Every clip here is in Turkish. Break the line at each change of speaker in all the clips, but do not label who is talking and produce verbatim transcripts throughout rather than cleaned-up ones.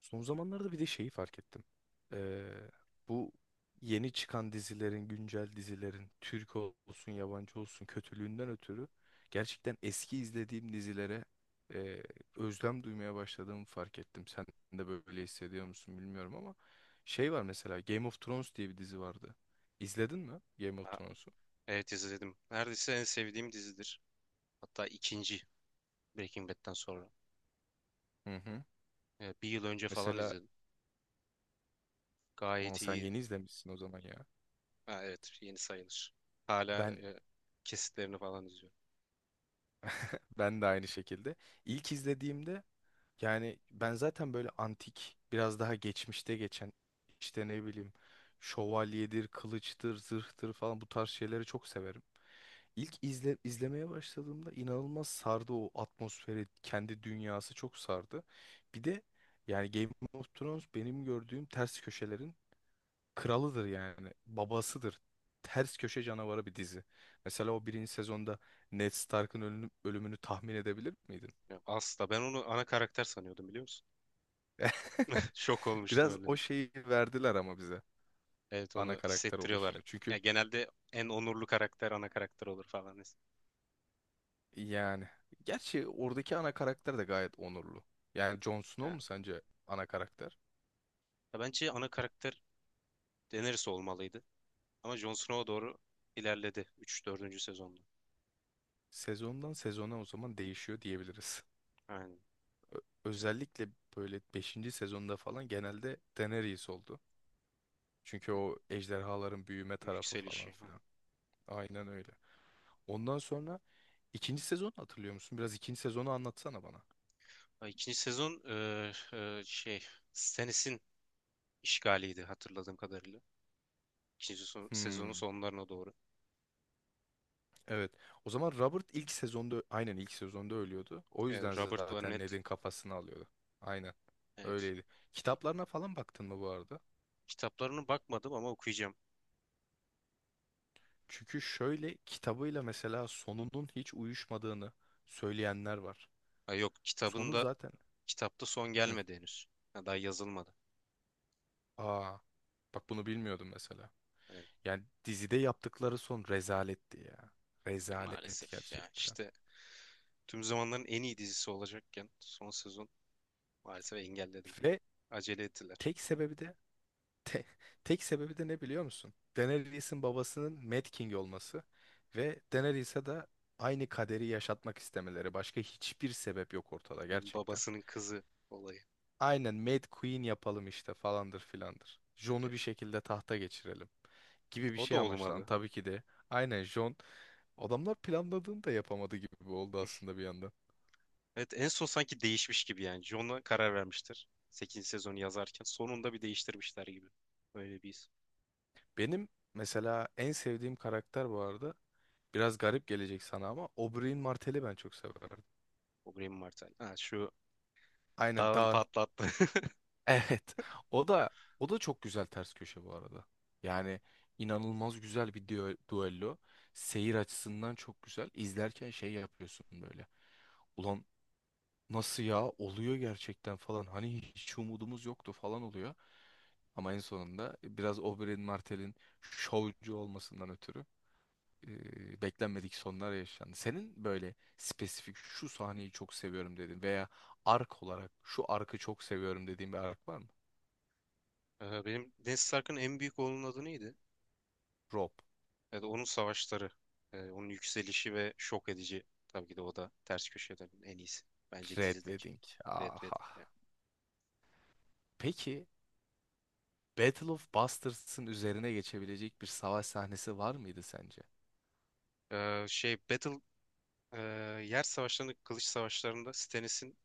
Son zamanlarda bir de şeyi fark ettim. Ee, bu yeni çıkan dizilerin, güncel dizilerin, Türk olsun, yabancı olsun kötülüğünden ötürü gerçekten eski izlediğim dizilere e, özlem duymaya başladığımı fark ettim. Sen de böyle hissediyor musun bilmiyorum ama şey var, mesela Game of Thrones diye bir dizi vardı. İzledin mi Game of
Ha,
Thrones'u?
evet izledim. Neredeyse en sevdiğim dizidir. Hatta ikinci Breaking Bad'den sonra.
Hı hı.
E, bir yıl önce falan
Mesela,
izledim.
aa,
Gayet
sen
iyi.
yeni izlemişsin o zaman ya.
Ha, evet yeni sayılır. Hala
Ben
e, kesitlerini falan izliyorum.
ben de aynı şekilde. İlk izlediğimde, yani ben zaten böyle antik, biraz daha geçmişte geçen, işte ne bileyim, şövalyedir, kılıçtır, zırhtır falan, bu tarz şeyleri çok severim. İlk izle, izlemeye başladığımda inanılmaz sardı o atmosferi, kendi dünyası çok sardı. Bir de yani Game of Thrones benim gördüğüm ters köşelerin kralıdır yani, babasıdır. Ters köşe canavarı bir dizi. Mesela o birinci sezonda Ned Stark'ın ölüm- ölümünü tahmin edebilir miydin?
Ya, asla, ben onu ana karakter sanıyordum, biliyor musun? Şok olmuştum
Biraz
öyle.
o şeyi verdiler ama bize,
Evet,
ana
onu
karakter
hissettiriyorlar.
oluşunu.
Ya,
Çünkü
genelde en onurlu karakter ana karakter olur falan. Yani,
yani gerçi oradaki ana karakter de gayet onurlu. Yani Jon Snow mu sence ana karakter?
ya, bence ana karakter Daenerys olmalıydı. Ama Jon Snow'a doğru ilerledi üç dördüncü sezonda.
Sezondan sezona o zaman değişiyor diyebiliriz.
Aynen.
Özellikle böyle beşinci sezonda falan genelde Daenerys oldu. Çünkü o ejderhaların büyüme tarafı falan
Yükselişi.
filan. Aynen öyle. Ondan sonra ikinci sezonu hatırlıyor musun? Biraz ikinci sezonu anlatsana bana.
Ay, İkinci sezon e, e, şey, Stannis'in işgaliydi hatırladığım kadarıyla. İkinci son- sezonun
Hmm.
sonlarına doğru.
Evet. O zaman Robert ilk sezonda, aynen ilk sezonda ölüyordu. O
Evet,
yüzden
Robert
zaten
Barnett.
Ned'in kafasını alıyordu. Aynen.
Evet.
Öyleydi. Kitaplarına falan baktın mı bu arada?
Kitaplarını bakmadım ama okuyacağım.
Çünkü şöyle, kitabıyla mesela sonunun hiç uyuşmadığını söyleyenler var.
Ha, yok kitabın
Sonu
da
zaten.
kitapta son
Hı.
gelmedi henüz. Ha, daha yazılmadı.
Aa. Bak bunu bilmiyordum mesela.
Evet,
Yani dizide yaptıkları son rezaletti ya.
e,
Rezalet
maalesef ya
gerçekten.
işte tüm zamanların en iyi dizisi olacakken son sezon maalesef engelledim.
Ve
Acele ettiler.
tek sebebi de, Te- tek sebebi de ne biliyor musun? Daenerys'in babasının Mad King olması ve Daenerys'e de aynı kaderi yaşatmak istemeleri. Başka hiçbir sebep yok ortada
Yani
gerçekten.
babasının kızı olayı.
Aynen Mad Queen yapalım işte falandır filandır. Jon'u bir şekilde tahta geçirelim gibi bir
O da
şey amaçlandı.
olmadı.
Tabii ki de aynen Jon, adamlar planladığını da yapamadı gibi oldu aslında bir yandan.
Evet, en son sanki değişmiş gibi yani. John'a karar vermiştir sekizinci sezonu yazarken. Sonunda bir değiştirmişler gibi. Öyle bir his.
Benim mesela en sevdiğim karakter bu arada, biraz garip gelecek sana ama, Oberyn Martell'i ben çok severdim.
O Graham Martel. Ha, şu
Aynen
dağın
dağın.
patlattı.
Evet. O da o da çok güzel ters köşe bu arada. Yani inanılmaz güzel bir düe- duello. Seyir açısından çok güzel. İzlerken şey yapıyorsun böyle. Ulan nasıl ya, oluyor gerçekten falan. Hani hiç umudumuz yoktu falan oluyor. Ama en sonunda biraz Oberyn Martell'in şovcu olmasından ötürü e, beklenmedik sonlar yaşandı. Senin böyle spesifik şu sahneyi çok seviyorum dedin veya ark olarak şu arkı çok seviyorum dediğin bir ark var mı?
Ee, benim Ned Stark'ın en büyük oğlunun adı neydi?
Rob.
Evet, onun savaşları. Ee, onun yükselişi ve şok edici. Tabii ki de o da ters köşelerin en iyisi. Bence
Red
dizideki.
Wedding.
Red
Aha.
Wedding yani.
Peki Battle of Bastards'ın üzerine geçebilecek bir savaş sahnesi var mıydı sence?
Ee, şey, Battle, e, yer savaşlarında, kılıç savaşlarında Stannis'in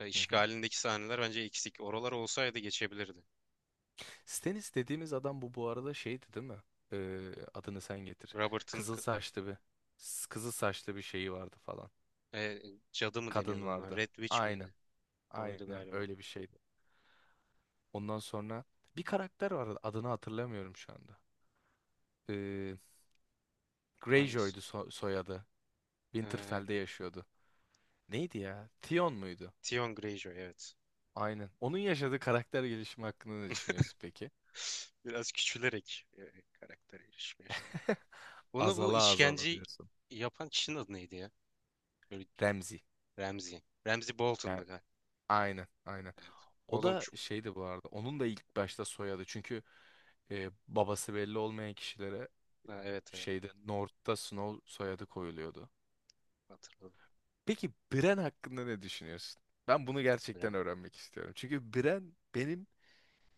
e,
Hı hı.
işgalindeki sahneler bence eksik. Oralar olsaydı geçebilirdi.
Stannis dediğimiz adam, bu bu arada şeydi değil mi? Ee, adını sen getir.
Robert'ın
Kızıl
k-
saçlı bir, s- kızıl saçlı bir şeyi vardı falan.
e, Cadı mı
Kadın
deniyordu ona?
vardı.
Red Witch
Aynen.
miydi? Oydu
Aynen
galiba.
öyle bir şeydi. Ondan sonra bir karakter vardı. Adını hatırlamıyorum şu anda. Ee,
Hangisi?
Greyjoy'du so- soyadı.
Ee,
Winterfell'de yaşıyordu. Neydi ya? Tion muydu?
Theon Greyjoy, evet.
Aynen. Onun yaşadığı karakter gelişimi hakkında ne düşünüyorsun peki?
Biraz küçülerek e, karakter erişimi yaşandı. Onu, bu
Azala azala
işkenceyi
diyorsun.
yapan kişinin adı neydi ya? Böyle
Remzi.
Ramsay. Ramsay
Yani
Bolton'du galiba.
aynen aynen.
Evet.
O
Oğlum
da
çok...
şeydi bu arada. Onun da ilk başta soyadı. Çünkü e, babası belli olmayan kişilere
Ha, evet, evet,
şeyde North'ta Snow soyadı koyuluyordu.
hatırladım.
Peki Bren hakkında ne düşünüyorsun? Ben bunu gerçekten
Ben
öğrenmek istiyorum. Çünkü Bren benim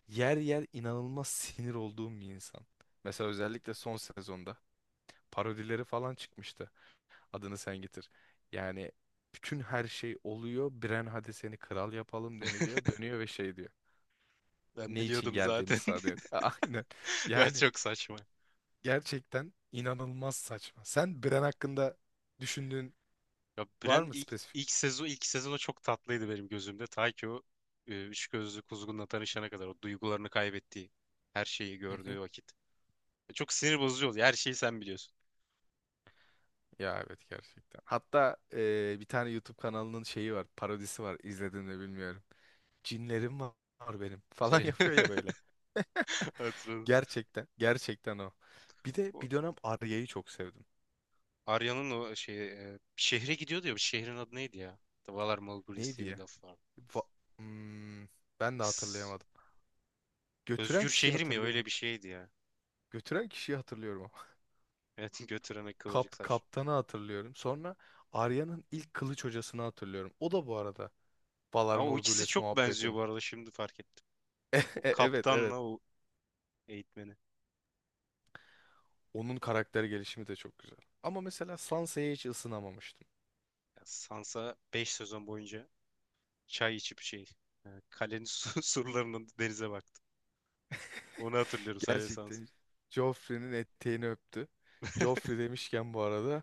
yer yer inanılmaz sinir olduğum bir insan. Mesela özellikle son sezonda parodileri falan çıkmıştı. Adını sen getir. Yani bütün her şey oluyor. Bren hadi seni kral yapalım deniliyor. Dönüyor ve şey diyor.
ben
Ne için
biliyordum
geldiğimi
zaten.
sadece. Aynen.
Ya,
Yani
çok saçma.
gerçekten inanılmaz saçma. Sen Bren hakkında düşündüğün
Ya
var
Bren
mı
ilk,
spesifik?
ilk sezon ilk sezonu çok tatlıydı benim gözümde. Ta ki o e, üç gözlü kuzgunla tanışana kadar, o duygularını kaybettiği, her şeyi
Hı hı.
gördüğü vakit. E, çok sinir bozucu oluyor. Her şeyi sen biliyorsun.
Ya evet gerçekten. Hatta eee, bir tane YouTube kanalının şeyi var, parodisi var. İzledin mi bilmiyorum. Cinlerim var, var benim falan
Şey,
yapıyor ya böyle.
hatırladım.
Gerçekten, gerçekten o. Bir de
O
bir dönem Arya'yı çok sevdim.
Arya'nın o şey, e, şehre gidiyordu ya. Bu şehrin adı neydi ya? The Valar Morghulis
Neydi
diye bir
ya?
laf var.
Va-. Hmm, ben de
S-
hatırlayamadım. Götüren
Özgür
kişiyi
şehir mi? Öyle
hatırlıyorum.
bir şeydi ya.
Götüren kişiyi hatırlıyorum ama.
Evet, götürene kıvırcık
Kap,
saç.
kaptanı hatırlıyorum. Sonra Arya'nın ilk kılıç hocasını hatırlıyorum. O da bu arada Valar
Ama o ikisi
Morghulis
çok benziyor,
muhabbetini.
bu arada şimdi fark ettim.
E- e-
O
Evet evet.
kaptanla o eğitmeni.
Onun karakter gelişimi de çok güzel. Ama mesela Sansa'ya hiç ısınamamıştım.
Ya Sansa beş sezon boyunca çay içip şey, e, kalenin su- surlarının denize baktı. Onu hatırlıyorum sadece, sans,
Gerçekten Joffrey'nin eteğini öptü. Joffrey demişken bu arada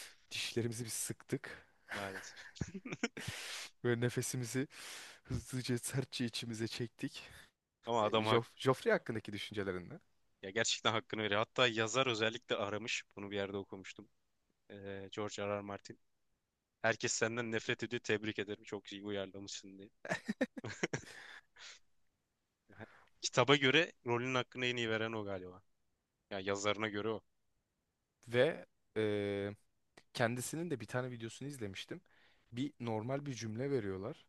dişlerimizi bir sıktık.
maalesef.
Ve nefesimizi hızlıca sertçe içimize çektik.
Ama adam hak,
Joff Joffrey hakkındaki düşüncelerini
ya gerçekten hakkını veriyor. Hatta yazar özellikle aramış. Bunu bir yerde okumuştum. E, George R. R. Martin. Herkes senden nefret ediyor. Tebrik ederim. Çok iyi uyarlamışsın diye. Ha, kitaba göre rolün hakkını en iyi veren o galiba. Ya, yazarına göre o.
ve e, kendisinin de bir tane videosunu izlemiştim. Bir normal bir cümle veriyorlar.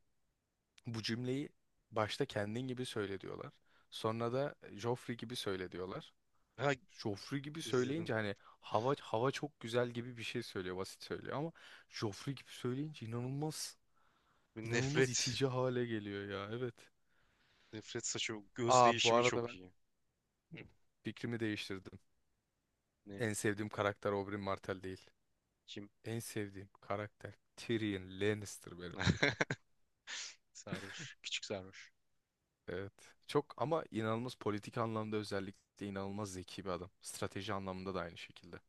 Bu cümleyi başta kendin gibi söyle diyorlar. Sonra da Joffrey gibi söyle diyorlar.
Ha,
Joffrey gibi
izledim.
söyleyince hani hava hava çok güzel gibi bir şey söylüyor, basit söylüyor ama Joffrey gibi söyleyince inanılmaz inanılmaz
Nefret.
itici hale geliyor ya. Evet.
Nefret saçı. Göz
Aa bu
değişimi
arada
çok
ben,
iyi.
hı, fikrimi değiştirdim.
Ne?
En sevdiğim karakter Oberyn Martell değil.
Kim?
En sevdiğim karakter Tyrion Lannister benim.
Sarhoş. Küçük sarhoş.
Evet. Çok ama inanılmaz politik anlamda özellikle inanılmaz zeki bir adam. Strateji anlamında da aynı şekilde.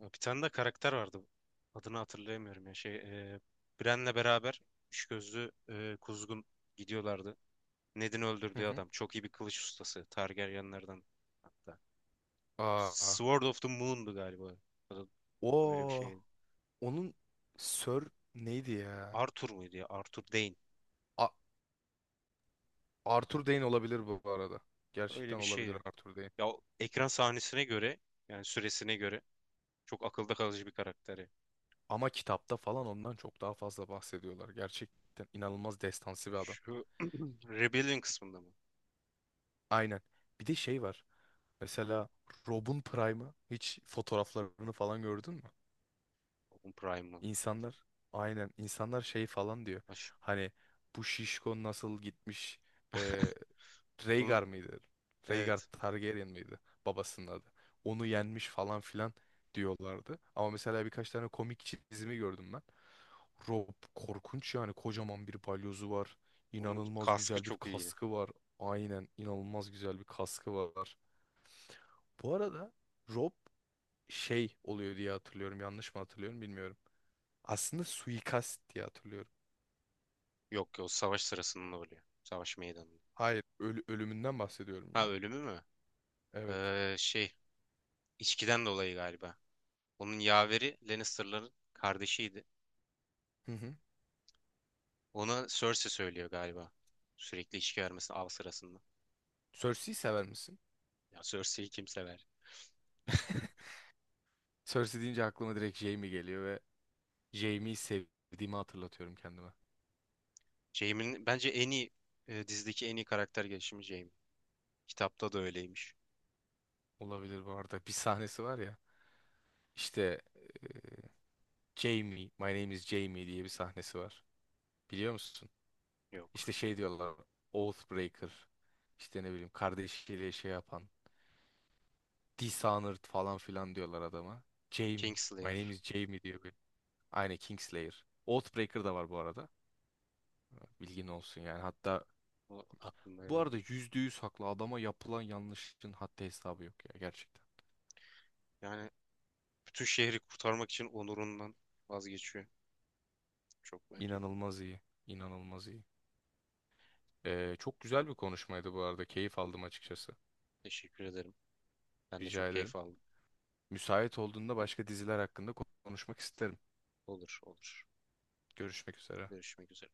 Bir tane de karakter vardı. Adını hatırlayamıyorum ya. Şey, e, Bren'le beraber üç gözlü e, kuzgun gidiyorlardı. Ned'in
Hı
öldürdüğü
hı.
adam. Çok iyi bir kılıç ustası. Targaryenlerden hatta.
Aa.
Sword of the Moon'du galiba. Adı öyle bir
O
şeydi.
onun Sir neydi ya?
Arthur muydu ya? Arthur Dayne.
A-
Ya,
Arthur Dayne olabilir bu bu arada.
öyle
Gerçekten
bir
olabilir
şeydi.
Arthur Dayne.
Ya o ekran sahnesine göre, yani süresine göre, çok akılda kalıcı bir karakteri.
Ama kitapta falan ondan çok daha fazla bahsediyorlar. Gerçekten inanılmaz destansı bir adam.
Şu Rebellion kısmında mı?
Aynen. Bir de şey var. Mesela Rob'un Prime'ı, hiç fotoğraflarını falan gördün mü?
Onun Prime mı?
İnsanlar aynen, insanlar şey falan diyor. Hani bu Şişko nasıl gitmiş, e,
Onun,
Rhaegar mıydı? Rhaegar
evet.
Targaryen mıydı? Babasının adı. Onu yenmiş falan filan diyorlardı. Ama mesela birkaç tane komik çizimi gördüm ben. Rob korkunç, yani kocaman bir balyozu var.
Onun
İnanılmaz
kaskı
güzel bir
çok iyi.
kaskı var. Aynen inanılmaz güzel bir kaskı var. Bu arada Rob şey oluyor diye hatırlıyorum. Yanlış mı hatırlıyorum bilmiyorum. Aslında suikast diye hatırlıyorum.
Yok, yok, savaş sırasında oluyor. Savaş meydanında.
Hayır, ölü- ölümünden bahsediyorum
Ha,
ya.
ölümü mü?
Evet.
Ee, şey, içkiden dolayı galiba. Onun yaveri Lannister'ların kardeşiydi.
Hı hı.
Ona Cersei söylüyor galiba. Sürekli içki vermesini av sırasında.
Cersei'yi sever misin?
Ya Cersei'yi kim sever?
Cersei deyince aklıma direkt Jaime geliyor ve Jaime'yi sevdiğimi hatırlatıyorum kendime.
Jaime'nin bence en iyi, e, dizideki en iyi karakter gelişimi Jaime. Kitapta da öyleymiş.
Olabilir bu arada. Bir sahnesi var ya. İşte Jaime, my name is Jaime diye bir sahnesi var. Biliyor musun?
Yok.
İşte şey
Hemen.
diyorlar. Oathbreaker. İşte ne bileyim, kardeşiyle şey yapan. Dishonored falan filan diyorlar adama. Jaime. My
Kingslayer.
name is Jaime diyor. Bir. Aynı Kingslayer. Oathbreaker da var bu arada. Bilgin olsun yani. Hatta
O aklımda
bu
öyle
arada
geliyor.
yüzde yüz haklı. Adama yapılan yanlışın hatta hesabı yok ya gerçekten.
Yani bütün şehri kurtarmak için onurundan vazgeçiyor. Çok bence.
İnanılmaz iyi. İnanılmaz iyi. Ee, çok güzel bir konuşmaydı bu arada. Keyif aldım açıkçası.
Teşekkür ederim. Ben de çok
Rica ederim.
keyif aldım.
Müsait olduğunda başka diziler hakkında konuşmak isterim.
Olur, olur.
Görüşmek üzere.
Görüşmek üzere.